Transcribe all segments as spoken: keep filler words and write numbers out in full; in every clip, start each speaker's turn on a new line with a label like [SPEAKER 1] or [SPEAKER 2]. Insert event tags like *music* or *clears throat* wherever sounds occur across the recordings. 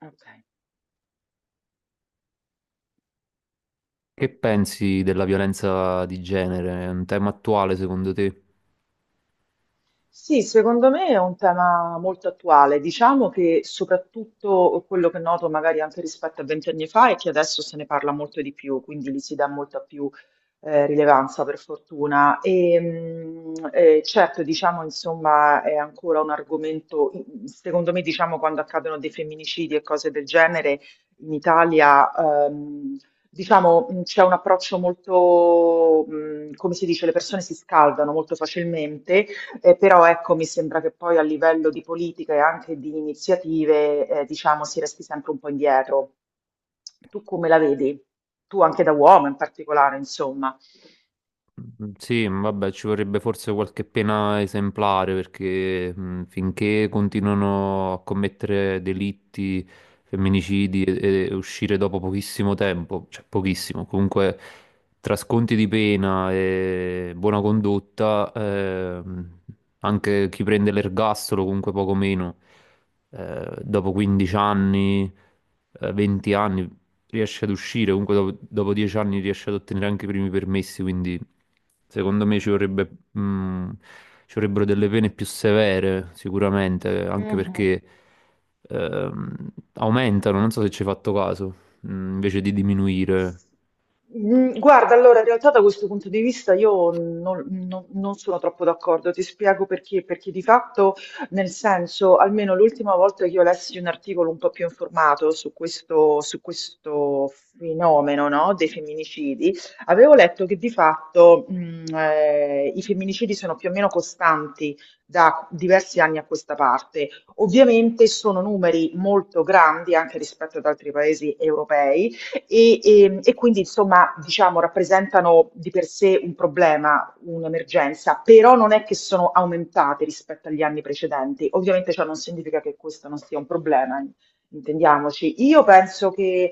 [SPEAKER 1] Ok.
[SPEAKER 2] Che pensi della violenza di genere? È un tema attuale secondo te?
[SPEAKER 1] Sì, secondo me è un tema molto attuale. Diciamo che soprattutto quello che noto magari anche rispetto a vent'anni fa è che adesso se ne parla molto di più, quindi gli si dà molta più eh, rilevanza per fortuna. E, mm, eh, certo, diciamo, insomma, è ancora un argomento, mm, secondo me, diciamo, quando accadono dei femminicidi e cose del genere in Italia, ehm, diciamo, mh, c'è un approccio molto, mh, come si dice, le persone si scaldano molto facilmente. Eh, però ecco, mi sembra che poi a livello di politica e anche di iniziative, eh, diciamo, si resti sempre un po' indietro. Tu come la vedi? Tu anche da uomo in particolare, insomma.
[SPEAKER 2] Mm, Sì, mm, vabbè, ci vorrebbe forse qualche pena esemplare perché mm, finché continuano a commettere delitti, femminicidi e, e uscire dopo pochissimo tempo, cioè pochissimo, comunque tra sconti di pena e buona condotta, ehm, anche chi prende l'ergastolo comunque poco meno, eh, dopo quindici anni, eh, venti anni, riesce ad uscire, comunque dopo, dopo dieci anni riesce ad ottenere anche i primi permessi, quindi secondo me ci vorrebbe, mh, ci vorrebbero delle pene più severe sicuramente, anche
[SPEAKER 1] Mhm.
[SPEAKER 2] perché ehm, aumentano, non so se ci hai fatto caso, mh, invece di diminuire.
[SPEAKER 1] Mm, Guarda, allora, in realtà da questo punto di vista io non, non- non sono troppo d'accordo, ti spiego perché, perché di fatto, nel senso, almeno l'ultima volta che io lessi un articolo un po' più informato su questo, su questo fenomeno, no, dei femminicidi, avevo letto che di fatto, mm, eh, i femminicidi sono più o meno costanti da diversi anni a questa parte. Ovviamente sono numeri molto grandi anche rispetto ad altri paesi europei e, e- e quindi insomma diciamo rappresentano di per sé un problema, un'emergenza, però non è che sono aumentate rispetto agli anni precedenti. Ovviamente ciò non significa che questo non sia un problema, in- intendiamoci. Io penso che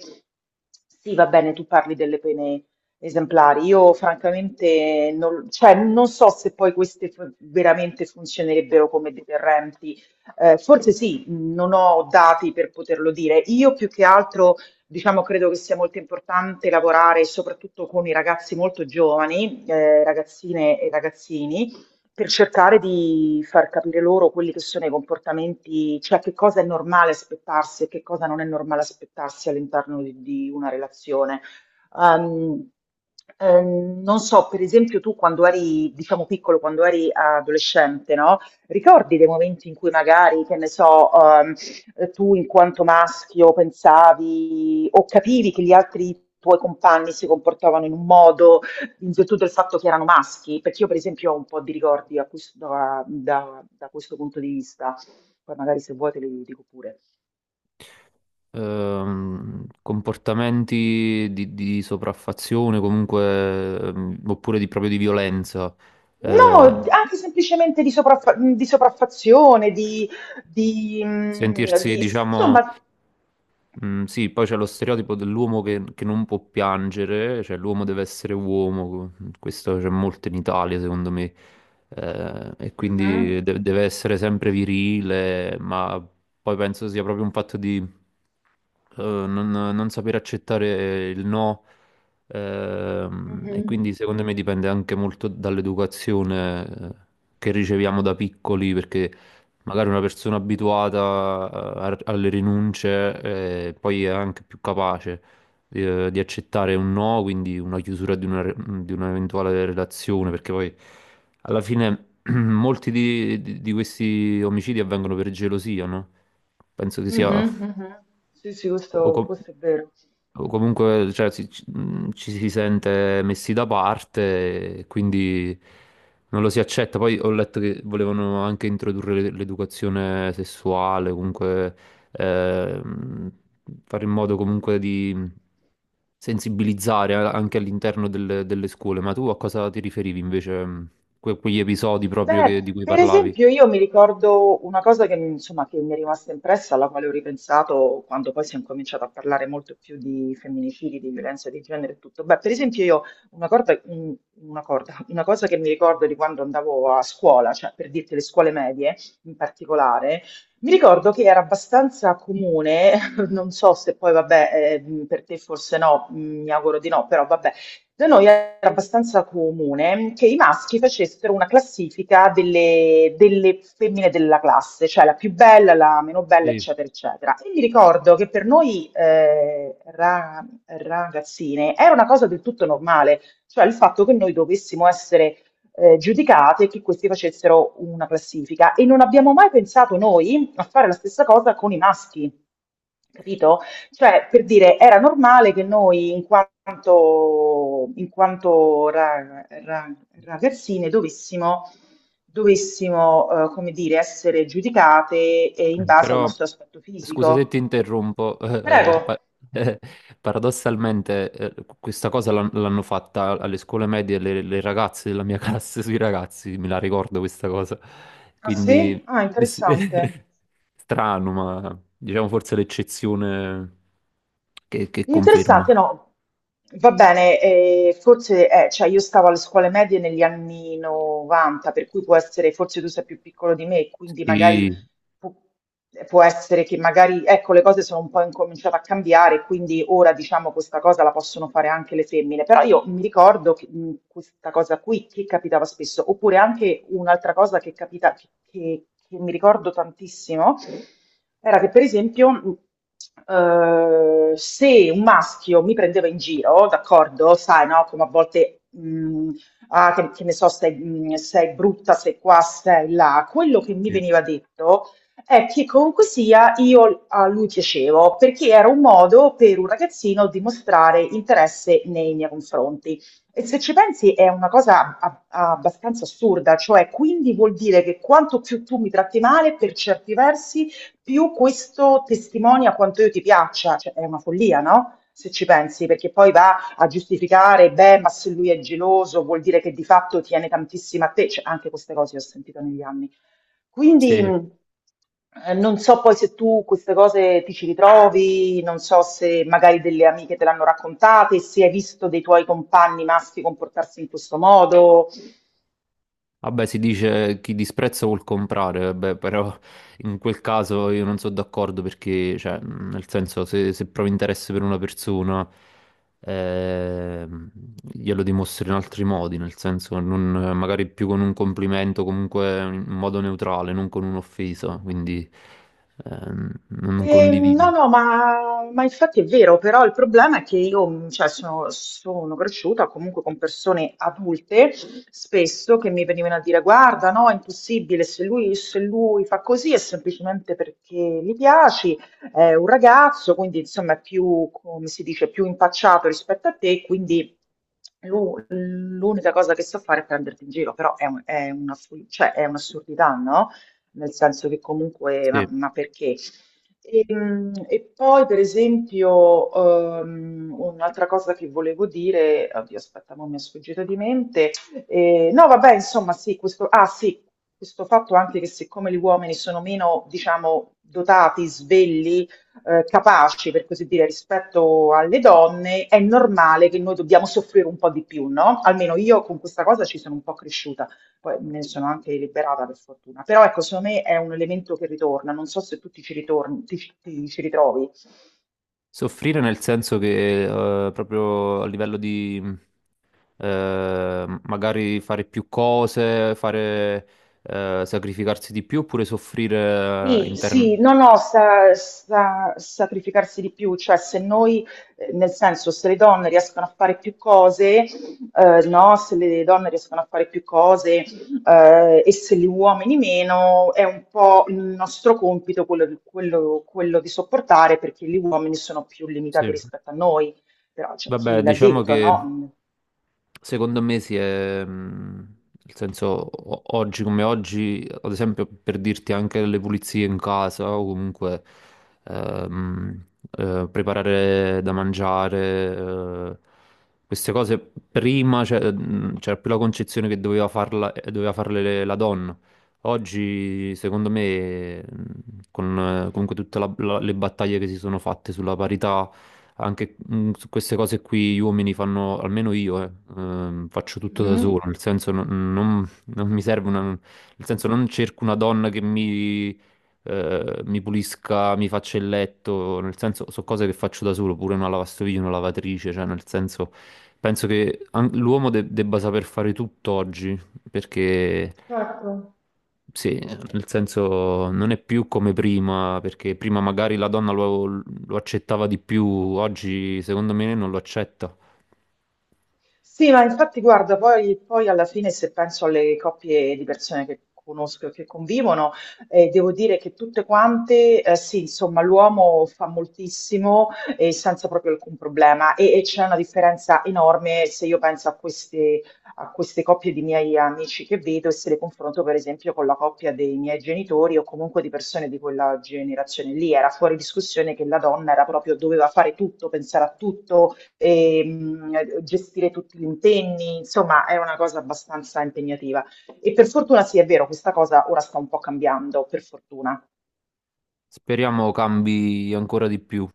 [SPEAKER 1] sì, va bene, tu parli delle pene esemplari. Io francamente non, cioè, non so se poi queste fu- veramente funzionerebbero come deterrenti. Eh, forse sì, non ho dati per poterlo dire. Io più che altro diciamo, credo che sia molto importante lavorare soprattutto con i ragazzi molto giovani, eh, ragazzine e ragazzini, per cercare di far capire loro quelli che sono i comportamenti, cioè che cosa è normale aspettarsi e che cosa non è normale aspettarsi all'interno di, di una relazione. Ehm, ehm, Non so, per esempio, tu quando eri, diciamo, piccolo, quando eri adolescente, no? Ricordi dei momenti in cui magari, che ne so, ehm, eh, tu in quanto maschio pensavi o capivi che gli altri tuoi compagni si comportavano in un modo in virtù del fatto che erano maschi? Perché io per esempio ho un po' di ricordi a questo- da, da- da questo punto di vista, poi magari se vuoi te li dico pure.
[SPEAKER 2] Ehm, comportamenti di, di sopraffazione comunque ehm, oppure di, proprio di violenza eh,
[SPEAKER 1] No, anche semplicemente di, sopraffa- di sopraffazione, di, di, mm,
[SPEAKER 2] sentirsi
[SPEAKER 1] di-
[SPEAKER 2] diciamo
[SPEAKER 1] insomma.
[SPEAKER 2] Mm, sì, poi c'è lo stereotipo dell'uomo che, che non può piangere, cioè l'uomo deve essere uomo, mm, questo c'è molto in Italia secondo me. Eh, e
[SPEAKER 1] Mhm,
[SPEAKER 2] quindi de- deve essere sempre virile, ma poi penso sia proprio un fatto eh, non, non sapere accettare il no, ehm, e
[SPEAKER 1] mhm,
[SPEAKER 2] quindi secondo me dipende anche molto dall'educazione eh, che riceviamo da piccoli, perché magari una persona abituata a- alle rinunce, eh, poi è anche più capace eh, di accettare un no, quindi una chiusura di una, re- di un'eventuale relazione, perché poi alla fine *clears throat* molti di, di- di questi omicidi avvengono per gelosia, no? Penso che sia
[SPEAKER 1] mhm, mhm. Sì, sì,
[SPEAKER 2] o,
[SPEAKER 1] questo
[SPEAKER 2] com-
[SPEAKER 1] questo è vero.
[SPEAKER 2] o comunque cioè, si- ci, mh, ci si sente messi da parte, e quindi non lo si accetta. Poi ho letto che volevano anche introdurre l'e- l'educazione sessuale, comunque ehm, fare in modo comunque di sensibilizzare a- anche all'interno delle, delle scuole. Ma tu a cosa ti riferivi invece? Mh, que- quegli episodi proprio
[SPEAKER 1] Beh,
[SPEAKER 2] che- di cui
[SPEAKER 1] per
[SPEAKER 2] parlavi?
[SPEAKER 1] esempio, io mi ricordo una cosa che, mi- insomma, che mi è rimasta impressa, alla quale ho ripensato quando poi si è incominciato a parlare molto più di femminicidi, di violenza di genere e tutto. Beh, per esempio, io una corda- un- una corda- una cosa che mi ricordo di quando andavo a scuola, cioè per dirti le scuole medie in particolare, mi ricordo che era abbastanza comune, *laughs* non so se poi, vabbè, eh, per te forse no, mm, mi auguro di no, però vabbè da noi era abbastanza comune che i maschi facessero una classifica delle, delle femmine della classe, cioè la più bella, la meno bella,
[SPEAKER 2] Sì.
[SPEAKER 1] eccetera, eccetera. E mi ricordo che per noi eh, ra- ragazzine era una cosa del tutto normale, cioè il fatto che noi dovessimo essere eh, giudicate e che questi facessero una classifica. E non abbiamo mai pensato noi a fare la stessa cosa con i maschi, capito? Cioè, per dire, era normale che noi, in quanto, in quanto ra- ra- ragazzine, dovessimo, dovessimo, eh, come dire, essere giudicate eh, in base al
[SPEAKER 2] Però,
[SPEAKER 1] nostro aspetto
[SPEAKER 2] scusa se
[SPEAKER 1] fisico.
[SPEAKER 2] ti interrompo, *laughs* eh,
[SPEAKER 1] Prego.
[SPEAKER 2] pa- eh, paradossalmente eh, questa cosa l'han- l'hanno fatta alle scuole medie le, le ragazze della mia *laughs* classe sui ragazzi, me la ricordo questa cosa.
[SPEAKER 1] Ah sì?
[SPEAKER 2] Quindi,
[SPEAKER 1] Ah,
[SPEAKER 2] sì,
[SPEAKER 1] interessante.
[SPEAKER 2] *laughs* strano, ma diciamo forse l'eccezione che, che conferma.
[SPEAKER 1] Interessante, no. Va bene, eh, forse, eh, cioè io stavo alle scuole medie negli anni novanta, per cui può essere, forse tu sei più piccolo di me, quindi magari
[SPEAKER 2] Sì,
[SPEAKER 1] Pu- eh, può essere che magari, ecco, le cose sono un po' incominciate a cambiare, quindi ora diciamo questa cosa la possono fare anche le femmine, però io mi ricordo che, mh, questa cosa qui che capitava spesso, oppure anche un'altra cosa che capita, che, che- che mi ricordo tantissimo, era che per esempio, mh, eh, se un maschio mi prendeva in giro, d'accordo, sai, no, come a volte, mh, ah, che, che ne so, sei, mh, sei brutta, sei qua, sei là. Quello che mi
[SPEAKER 2] sì,
[SPEAKER 1] veniva detto, è che comunque sia io a lui piacevo, perché era un modo per un ragazzino dimostrare interesse nei miei confronti. E se ci pensi è una cosa a- a- abbastanza assurda, cioè quindi vuol dire che quanto più tu mi tratti male, per certi versi, più questo testimonia quanto io ti piaccia. Cioè, è una follia, no? Se ci pensi, perché poi va a giustificare, beh, ma se lui è geloso, vuol dire che di fatto tiene tantissimo a te. Cioè, anche queste cose le ho sentite negli anni. Quindi
[SPEAKER 2] sì.
[SPEAKER 1] mh, eh, non so poi se tu queste cose ti ci ritrovi, non so se magari delle amiche te l'hanno raccontate, se hai visto dei tuoi compagni maschi comportarsi in questo modo.
[SPEAKER 2] Vabbè, si dice chi disprezza vuol comprare, vabbè, però in quel caso io non sono d'accordo perché, cioè, mh, nel senso, se, se provi interesse per una persona, ehm, glielo dimostri in altri modi, nel senso, non- magari più con un complimento, comunque in modo neutrale, non con un'offesa, quindi ehm, non non
[SPEAKER 1] Ehm, no,
[SPEAKER 2] condivido.
[SPEAKER 1] no, ma, ma infatti è vero, però il problema è che io, mh, cioè, sono, sono cresciuta comunque con persone adulte, spesso che mi venivano a dire, guarda, no, è impossibile, se lui, se lui fa così è semplicemente perché gli piaci, è un ragazzo, quindi insomma è più, come si dice, più impacciato rispetto a te, quindi lu- l'unica cosa che so fare è prenderti in giro, però è, un- è una, cioè, è un'assurdità, no? Nel senso che comunque, ma
[SPEAKER 2] Sì.
[SPEAKER 1] ma perché? E, mm, e poi, per esempio, ehm, un'altra cosa che volevo dire, oddio, aspetta, mo mi è sfuggita di mente. Eh, no, vabbè, insomma, sì, questo, ah, sì, questo fatto anche che siccome gli uomini sono meno, diciamo, dotati, svegli, eh, capaci, per così dire, rispetto alle donne, è normale che noi dobbiamo soffrire un po' di più, no? Almeno io con questa cosa ci sono un po' cresciuta. Poi me ne sono anche liberata per fortuna. Però ecco, secondo me è un elemento che ritorna. Non so se tu ti ci ritorni, ti, ci ti ci ritrovi.
[SPEAKER 2] Soffrire nel senso che eh, proprio a livello di eh, magari fare più cose, fare eh, sacrificarsi di più oppure soffrire eh,
[SPEAKER 1] Sì, sì,
[SPEAKER 2] intern-
[SPEAKER 1] no, no, sa, sa- sacrificarsi di più, cioè se noi, eh, nel senso, se le donne riescono a fare più cose, eh, no, se le donne riescono a fare più cose, eh, e se gli uomini meno, è un po' il nostro compito quello di, quello- quello di sopportare perché gli uomini sono più limitati
[SPEAKER 2] Sì.
[SPEAKER 1] rispetto a noi, però c'è
[SPEAKER 2] Vabbè,
[SPEAKER 1] chi l'ha
[SPEAKER 2] diciamo
[SPEAKER 1] detto,
[SPEAKER 2] che
[SPEAKER 1] no?
[SPEAKER 2] secondo me si è, mh, nel senso, o- oggi come oggi, ad esempio per dirti anche le pulizie in casa o comunque ehm, eh, preparare da mangiare, eh, queste cose prima c'è- mh, c'era più la concezione che doveva farla, eh, doveva farle le- la donna. Oggi, secondo me, mh, con eh, comunque tutte la- la- le battaglie che si sono fatte sulla parità, anche mh, su queste cose qui gli uomini fanno, almeno io, eh, ehm, faccio tutto da
[SPEAKER 1] Mhm,
[SPEAKER 2] solo, nel senso non, non- non mi serve una, nel senso non cerco una donna che mi, eh, mi pulisca, mi faccia il letto, nel senso sono cose che faccio da solo, pure una lavastoviglie, una lavatrice, cioè nel senso penso che an- l'uomo de- debba saper fare tutto oggi, perché...
[SPEAKER 1] certo.
[SPEAKER 2] Sì, nel senso non è più come prima, perché prima magari la donna lo, lo accettava di più, oggi secondo me non lo accetta.
[SPEAKER 1] Sì, ma infatti guarda, poi, poi alla fine se penso alle coppie di persone che conosco e che convivono, eh, devo dire che tutte quante, eh, sì, insomma, l'uomo fa moltissimo e senza proprio alcun problema e, e c'è una differenza enorme se io penso a queste, a queste coppie di miei amici che vedo e se le confronto per esempio con la coppia dei miei genitori o comunque di persone di quella generazione lì, era fuori discussione che la donna era proprio, doveva fare tutto, pensare a tutto, ehm, gestire tutti gli impegni, insomma è una cosa abbastanza impegnativa. E per fortuna sì, è vero, questa cosa ora sta un po' cambiando, per fortuna.
[SPEAKER 2] Speriamo cambi ancora di più.